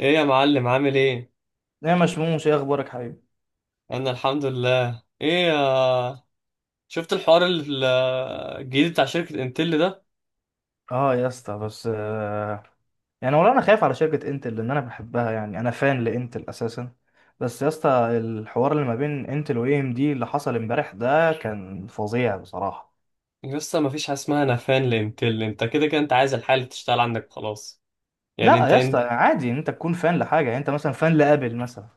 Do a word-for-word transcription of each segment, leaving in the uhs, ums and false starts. ايه يا معلم؟ عامل ايه؟ يا مشموش، ايه اخبارك حبيبي؟ انا الحمد لله. ايه يا شفت الحوار ال- الجديد بتاع شركة انتل ده؟ اه يا اسطى. بس آه، يعني والله انا خايف على شركه انتل لان انا بحبها، يعني انا فان لانتل اساسا. بس يا اسطى، الحوار اللي ما بين انتل واي ام دي اللي حصل امبارح ده كان فظيع بصراحه. لسه ما فيش حاجه اسمها نفان لانتل، انت كده كده انت عايز الحاجه اللي تشتغل عندك خلاص. يعني لا انت يا اسطى، إن- عادي ان انت تكون فان لحاجه، يعني انت مثلا فان لابل مثلا،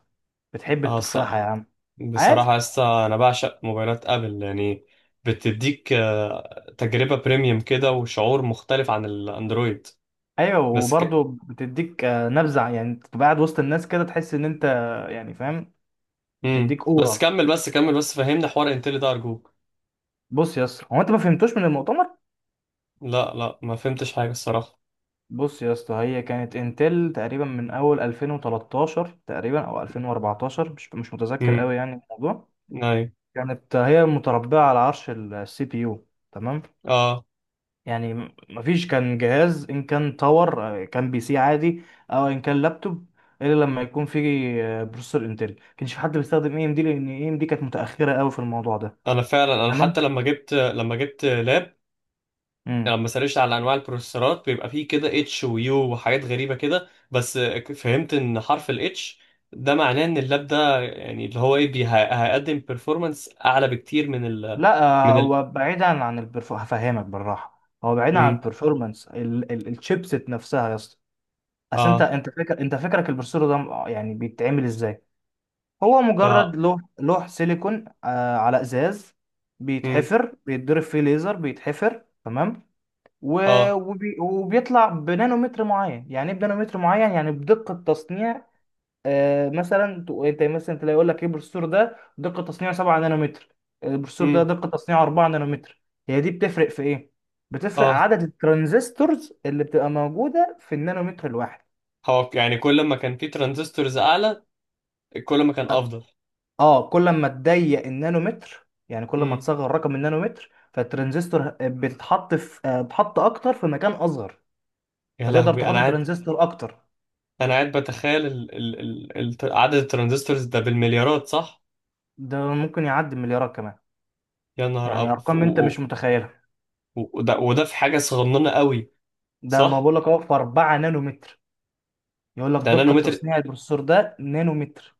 بتحب اه ص- التفاحه يا عم. عادي. بصراحه لسه انا بعشق موبايلات ابل يعني. بتديك آه، تجربه بريميوم كده وشعور مختلف عن الاندرويد. ايوه بس ك... وبرضه بتديك آه، نبزه، يعني تبقى قاعد وسط الناس كده تحس ان انت، يعني فاهم. مم. تديك بس اورا. كمل بس كمل بس فهمنا حوار انتل ده ارجوك. بص يا اسطى، هو انت ما فهمتوش من المؤتمر؟ لا لا، ما فهمتش حاجه الصراحه. بص يا اسطى، هي كانت انتل تقريبا من اول ألفين وتلتاشر تقريبا او ألفين واربعتاشر، مش مش متذكر امم قوي يعني الموضوع. ايوه. كانت هي متربعه على عرش السي بي يو، تمام؟ اه. يعني م- مفيش كان جهاز ان كان تاور آه، كان بي سي عادي، او ان كان لابتوب، الا لما يكون فيه آه، بروسيسور انتل. كانش في حد بيستخدم اي ام دي لان اي ام دي كانت متاخره قوي في الموضوع ده. انا فعلا، انا حتى تمام. لما جبت لما جبت لاب، يعني امم. لما سرشت على انواع البروسيسورات بيبقى فيه كده اتش ويو وحاجات غريبه كده. بس فهمت ان حرف الاتش ده معناه ان اللاب ده يعني اللي هو ايه بي- هي- هيقدم بيرفورمانس اعلى بكتير من ال لا من آه، ال هو بعيدا عن البرف، هفهمك بالراحه. هو بعيدا عن مم. البرفورمانس الشيبسيت نفسها يا اسطى. اصل انت، اه. انت فاكر انت فاكرك البروسيسور ده م- يعني بيتعمل ازاي؟ هو اه. مجرد لوح لوح سيليكون آه على ازاز. مم. بيتحفر، بيتضرب فيه ليزر، بيتحفر، تمام؟ و- اه. وبي وبيطلع بنانومتر معين. يعني ايه بنانومتر معين؟ يعني بدقة تصنيع. آه، مثلا تق- انت مثلا تلاقي يقول لك ايه، البروسيسور ده دقة تصنيع سبعة نانومتر، البروسيسور ده مم. دقة تصنيع اربعة نانومتر. هي دي بتفرق في ايه؟ بتفرق اه. عدد الترانزستورز اللي بتبقى موجودة في النانومتر الواحد. هو يعني كل ما كان فيه ترانزستورز اعلى، كل ما كان افضل. اه، كل ما تضيق النانومتر، يعني كل ما مم. تصغر رقم النانومتر، فالترانزستور بتتحط في، آه، بتحط اكتر في مكان اصغر. يا فتقدر لهوي، انا تحط قاعد، ترانزستور اكتر. انا قاعد بتخيل ال... ال... ال... الت- عدد الترانزستورز ده بالمليارات، صح؟ ده ممكن يعدي مليارات كمان. يا نهار يعني أب... ف- ارقام انت مش و... متخيلها. و... وده... وده في حاجة صغننة قوي، ده ما صح؟ بقول لك اهو، في اربعة نانومتر. يقول لك ده دقة نانومتر، تصنيع البروسيسور ده نانومتر.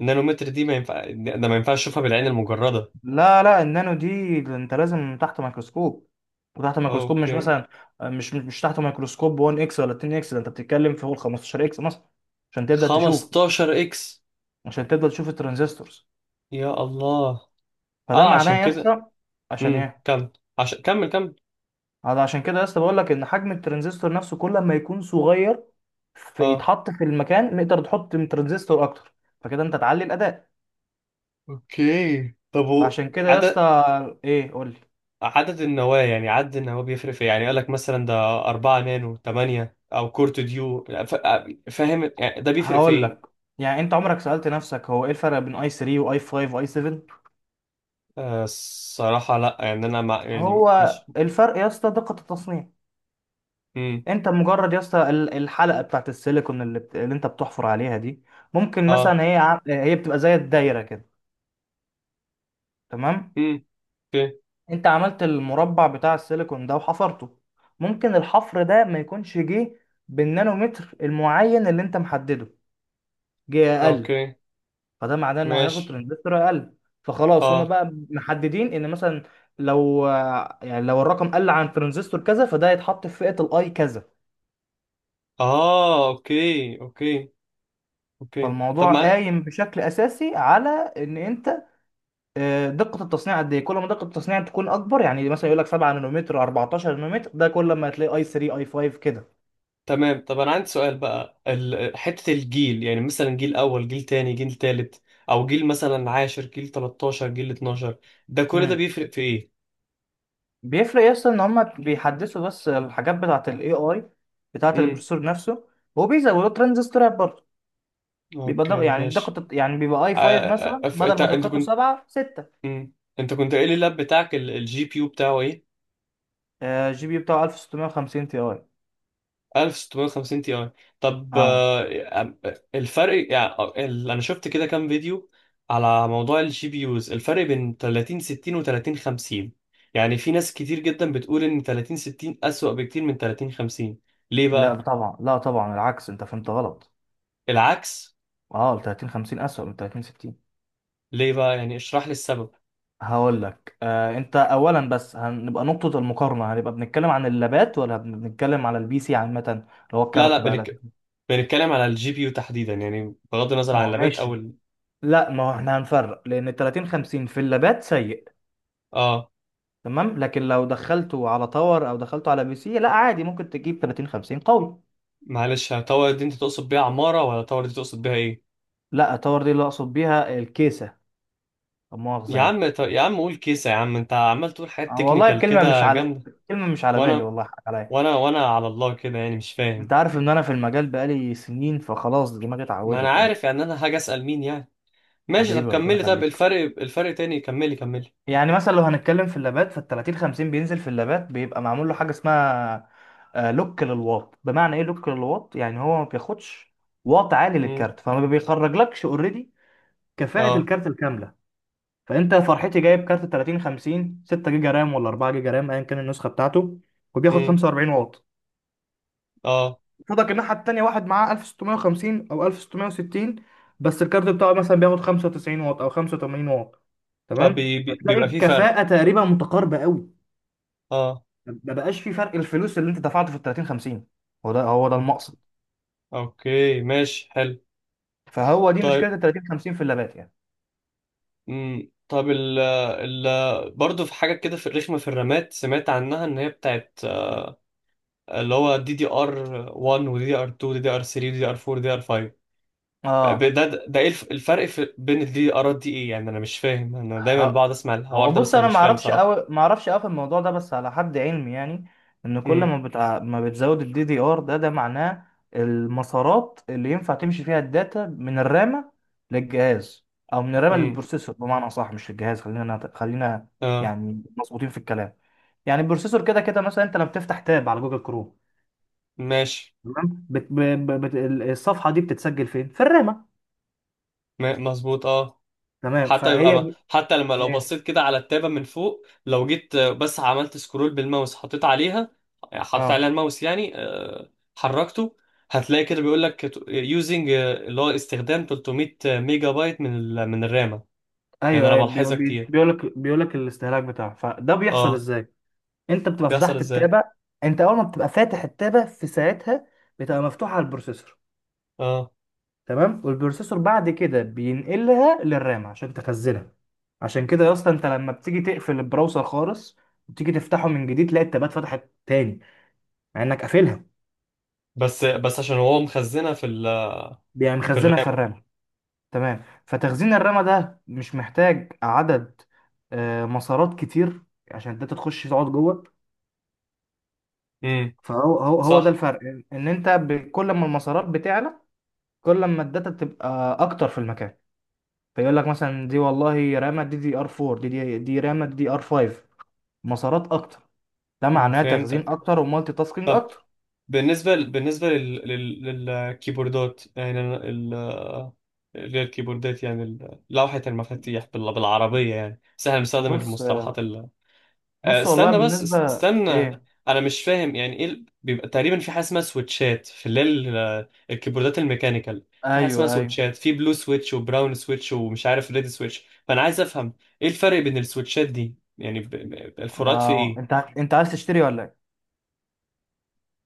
النانومتر دي ما ينفع، ده ما ينفعش اشوفها بالعين المجردة. لا لا، النانو دي انت لازم تحت ميكروسكوب. وتحت ميكروسكوب، مش اوكي. مثلا، آه، مش مش تحت ميكروسكوب واحد اكس ولا اتنين اكس، ده انت بتتكلم في فوق خمسة عشر اكس مثلا عشان تبدأ تشوف، خمستاشر اكس؟ عشان تفضل تشوف الترانزستورز. يا الله. فده اه، معناه عشان يا كده. اسطى. عشان امم ايه؟ كمل، عشان كمل كمل هذا عشان كده يا اسطى بقول لك ان حجم الترانزستور نفسه كل ما يكون صغير، اه. فيتحط في المكان، نقدر تحط من ترانزستور اكتر. فكده انت تعلي الاداء. اوكي، طب و... فعشان كده يا اسطى. عدد، ايه قول لي. عدد النواة يعني عدد النواة بيفرق في إيه؟ يعني قال لك مثلا ده اربعة نانو تمنية او كورت ديو ف... فاهم؟ يعني ده بيفرق في هقول ايه؟ لك. يعني انت عمرك سألت نفسك هو ايه الفرق بين اي تلاتة واي خمسة واي سبعة؟ آه الصراحة لا، يعني انا مع... يعني هو مش. الفرق يا اسطى دقة التصنيع. انت مجرد يا اسطى ال- الحلقة بتاعت السيليكون اللي، بت... اللي انت بتحفر عليها دي، ممكن اه. مثلا هي ع- هي بتبقى زي الدايرة كده، تمام؟ امم اوكي، انت عملت المربع بتاع السيليكون ده وحفرته. ممكن الحفر ده ما يكونش جه بالنانومتر المعين اللي انت محدده، جه اقل. اوكي، فده معناه انه هياخد ماشي. ترانزستور اقل. فخلاص هما اه. بقى محددين ان مثلا لو، يعني لو الرقم قل عن ترانزستور كذا فده هيتحط في فئة الاي كذا. اه، اوكي اوكي. اوكي طب فالموضوع ما قايم بشكل اساسي على ان انت، آه، دقة التصنيع قد ايه. كل ما دقة التصنيع تكون اكبر، يعني مثلا يقول لك سبعة نانومتر اربعتاشر نانومتر، ده كل ما هتلاقي اي تلاتة اي خمسة كده. تمام. طب انا عندي سؤال بقى، ال... حتة الجيل، يعني مثلا جيل اول جيل تاني جيل تالت، او جيل مثلا عاشر، جيل تلتاشر جيل اتناشر، ده كل ده مم. بيفرق في ايه؟ بيفرق، يس، ان هما بيحدثوا بس الحاجات بتاعه الاي اي بتاعه امم البروسيسور نفسه. وبيزودوا ترانزستورات برضه. بيبقى دق... اوكي، يعني ماشي. الدقة، يعني بيبقى اي خمسة آه... مثلا آه، ف- بدل انت ما انت دقته كنت، سبعة ستة. امم انت كنت قايل لي اللاب بتاعك الجي بي يو بتاعه ايه. آه، جي بي بتاعه ستاشر خمسين تي اي. الف وستمية وخمسين تي اي. طب اه. آه، الفرق يعني آه، ال- انا شفت كده كام فيديو على موضوع الجي بي يوز، الفرق بين تلاتين ستين و تلاتين خمسين. يعني في ناس كتير جدا بتقول ان تلاتين ستين اسوأ بكتير من تلاتين خمسين، ليه لا بقى؟ طبعا، لا طبعا العكس، انت فهمت غلط. العكس؟ اه، ال تلاتين خمسين اسوأ من ثلاثين ستين. ليه بقى؟ يعني اشرح لي السبب. هقول لك آه. انت اولا بس هنبقى نقطة المقارنة، هنبقى بنتكلم عن اللابات ولا بنتكلم على البي سي عامة، اللي هو لا لا الكارت بقى؟ لا. بنك... بنتكلم على الجي بي يو تحديدا، يعني بغض النظر ما عن هو اللابات او ماشي. ال... لا، ما هو احنا هنفرق، لان ثلاثين خمسين في اللابات سيء، اه. تمام؟ لكن لو دخلته على تاور او دخلته على بي سي، لا عادي ممكن تجيب تلاتين خمسين قوي. معلش، طور دي انت تقصد بيها عمارة ولا طور دي تقصد بيها ايه؟ لا، تاور دي اللي اقصد بيها الكيسه، لا مؤاخذه يا يعني. عم ط- يا عم قول كيسة يا عم، انت عمال تقول حاجات أنا والله تكنيكال الكلمه مش كده على، جامدة. الكلمه مش على بالي وانا، والله، حق عليا. وانا وانا على الله كده يعني مش انت فاهم. عارف ان انا في المجال بقالي سنين، فخلاص دماغي ما انا اتعودت يعني. عارف، يعني انا حاجة اسأل مين يعني؟ ماشي، طب حبيبي ربنا كملي، طب يخليك. الفرق، الفرق تاني، كملي كملي. يعني مثلا لو هنتكلم في اللابات، فال ثلاثين خمسين بينزل في اللابات بيبقى معمول له حاجه اسمها آه، لوك للواط. بمعنى ايه لوك للواط؟ يعني هو ما بياخدش واط عالي امم للكارت، فما بيخرجلكش اوريدي كفاءه اه. الكارت الكامله. فانت فرحتي جايب كارت تلاتين خمسين ستة جيجا رام ولا اربعة جيجا رام ايا كان النسخه بتاعته، وبياخد امم خمسة واربعين واط. اه. فضلك الناحيه التانيه واحد معاه الف وستمية وخمسين او الف وستمية وستين، بس الكارت بتاعه مثلا بياخد خمسة وتسعين واط او خمسة وتمانين واط. تمام. هتلاقي فبيبقى في فرق. الكفاءه تقريبا متقاربه قوي. اه. ما بقاش في فرق. الفلوس اللي انت دفعته في ال تلاتين خمسين، هو ده هو ده اه. المقصد. اوكي ماشي حلو. فهو دي طيب، مشكله ال تلاتين خمسين في اللابات يعني. امم طب ال ال برضه في حاجة كده في الرخمة في الرامات سمعت عنها ان هي بتاعت آه، اللي هو دي دي ار واحد ودي دي ار اتنين ودي دي ار تلاتة ودي دي ار اربعة ودي دي ار خمسة. ب- اه. ده ده ايه الف- الفرق في بين دي ارات دي ايه يعني؟ انا مش فاهم، انا دايما ه- بقعد اسمع الحوار هو ده بص، بس انا انا ما مش فاهم اعرفش صراحة. قوي ما اعرفش قوي في الموضوع ده، بس على حد علمي يعني، ان كل امم ما بتع... ما بتزود الدي دي ار، ده ده معناه المسارات اللي ينفع تمشي فيها الداتا من الرامه للجهاز، او من الرامه امم للبروسيسور بمعنى صح، مش للجهاز. خلينا نت- خلينا اه. يعني مظبوطين في الكلام. يعني البروسيسور كده كده، مثلا انت لما بتفتح تاب على جوجل كروم، ماشي. تمام؟ بت... ب... ب... بت... الصفحه دي بتتسجل فين؟ في الرامه. م- مظبوط اه. تمام. حتى يبقى فهي ما ب- حتى لما لو ايه. بصيت كده على التابة من فوق، لو جيت آه، بس عملت سكرول بالماوس، حطيت عليها، حطيت اه. عليها الماوس يعني، آه، حركته، هتلاقي كده بيقول لك يوزنج، اللي هو استخدام ثلاثمئة ميجا بايت من ال- من الرامة. يعني ايوه انا ايوه، بي... بلاحظها بي... كتير. بيقول لك، بيقول لك الاستهلاك بتاعه. فده بيحصل اه، ازاي؟ انت بتبقى بيحصل فتحت ازاي؟ التابع. انت اول ما بتبقى فاتح التابع في ساعتها، بتبقى مفتوحه على البروسيسور، اه. تمام؟ والبروسيسور بعد كده بينقلها للرامه عشان تخزنها. عشان كده يا اسطى انت لما بتيجي تقفل البراوزر خالص وتيجي تفتحه من جديد، تلاقي التابات فتحت تاني مع انك قافلها. بس بس عشان هو مخزنها في ال... بيبقى في مخزنها في الرامة. الرام. تمام. فتخزين الرمى ده مش محتاج عدد آه، مسارات كتير عشان انت تخش تقعد جوه. امم فهو هو هو ده صح. الفرق، ان إن انت ب- كل ما المسارات بتعلى، كل ما الداتا تبقى اكتر في المكان. فيقول لك مثلا دي والله رامة دي دي ار اربعة، دي دي دي رامة دي ار خمسة، مسارات اكتر، ده امم معناه تخزين فهمتك. اكتر ومالتي تاسكينج طب اكتر. بالنسبة، بالنسبة لل... لل... للكيبوردات، يعني أنا ال... غير الكيبوردات يعني ال- لوحة المفاتيح بال... بالعربية يعني، بس احنا بنستخدم بص المصطلحات. آه، بص والله استنى بس، است- بالنسبة استنى، ايه. انا مش فاهم يعني ايه ال- بيبقى تقريبا في حاجه اسمها سويتشات في اللي هي ال- آه، الكيبوردات الميكانيكال، في حاجه اسمها ايوه ايوه. سويتشات، في بلو سويتش وبراون سويتش ومش عارف ريد سويتش، فانا عايز افهم ايه الفرق بين السويتشات دي؟ يعني ب- ب- الفروقات في أنا- ايه؟ انت انت عايز تشتري ولا ايه؟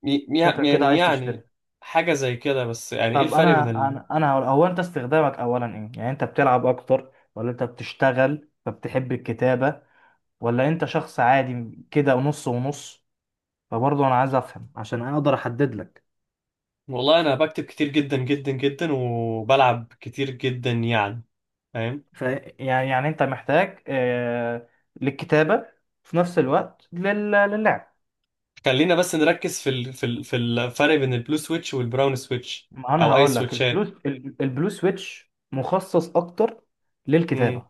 ي- شكلك كده يعني عايز تشتري. يعني حاجه زي كده، بس يعني ايه طب الفرق بين انا، ال... انا أنا هقول- هو انت استخدامك اولا ايه؟ يعني انت بتلعب اكتر ولا انت بتشتغل فبتحب الكتابة، ولا انت شخص عادي كده نص ونص؟ فبرضه انا عايز افهم عشان اقدر احدد لك. والله انا بكتب كتير جدا جدا جدا وبلعب كتير جدا يعني، فاهم. ف، يعني يعني انت محتاج آه للكتابة في نفس الوقت لل... للعب. خلينا بس نركز في ال... في ال... في الفرق بين البلو سويتش والبراون سويتش، ما انا او اي هقول لك البلو. سويتشات. البلو سويتش مخصص اكتر امم للكتابة،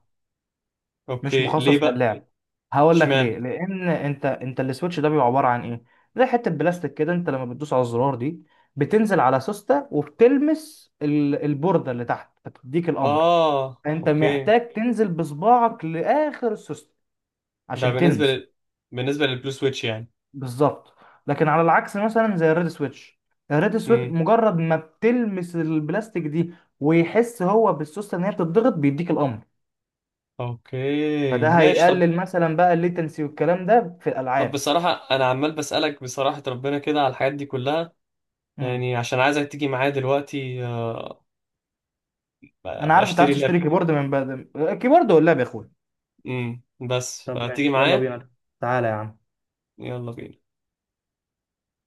مش اوكي، ليه مخصص بقى؟ للعب. هقول لك اشمعنى؟ ليه. لان انت، انت السويتش ده بيبقى عباره عن ايه؟ زي حته بلاستيك كده، انت لما بتدوس على الزرار دي، بتنزل على سوسته وبتلمس ال- البورده اللي تحت فتديك الامر. اه انت اوكي. محتاج تنزل بصباعك لاخر السوسته ده عشان بالنسبه تلمس. لل... بالنسبه للبلو سويتش يعني. بالظبط. لكن على العكس مثلا زي الريد سويتش. الريد سويتش امم مجرد ما بتلمس البلاستيك دي، ويحس هو بالسوسته ان هي بتضغط بيديك الامر. فده اوكي ماشي. طب، هيقلل مثلا بقى الليتنسي والكلام ده في طب الالعاب. بصراحه انا عمال بسالك، بصراحه ربنا كده على الحاجات دي كلها، يعني عشان عايزك تيجي معايا دلوقتي آه، انا ابقى عارف انت اشتري عايز الاب. تشتري كيبورد من بدل الكيبورد ولا يا اخويا. امم بس طب فتيجي ماشي، يلا معايا. بينا. تعالى يا عم. يلا بينا.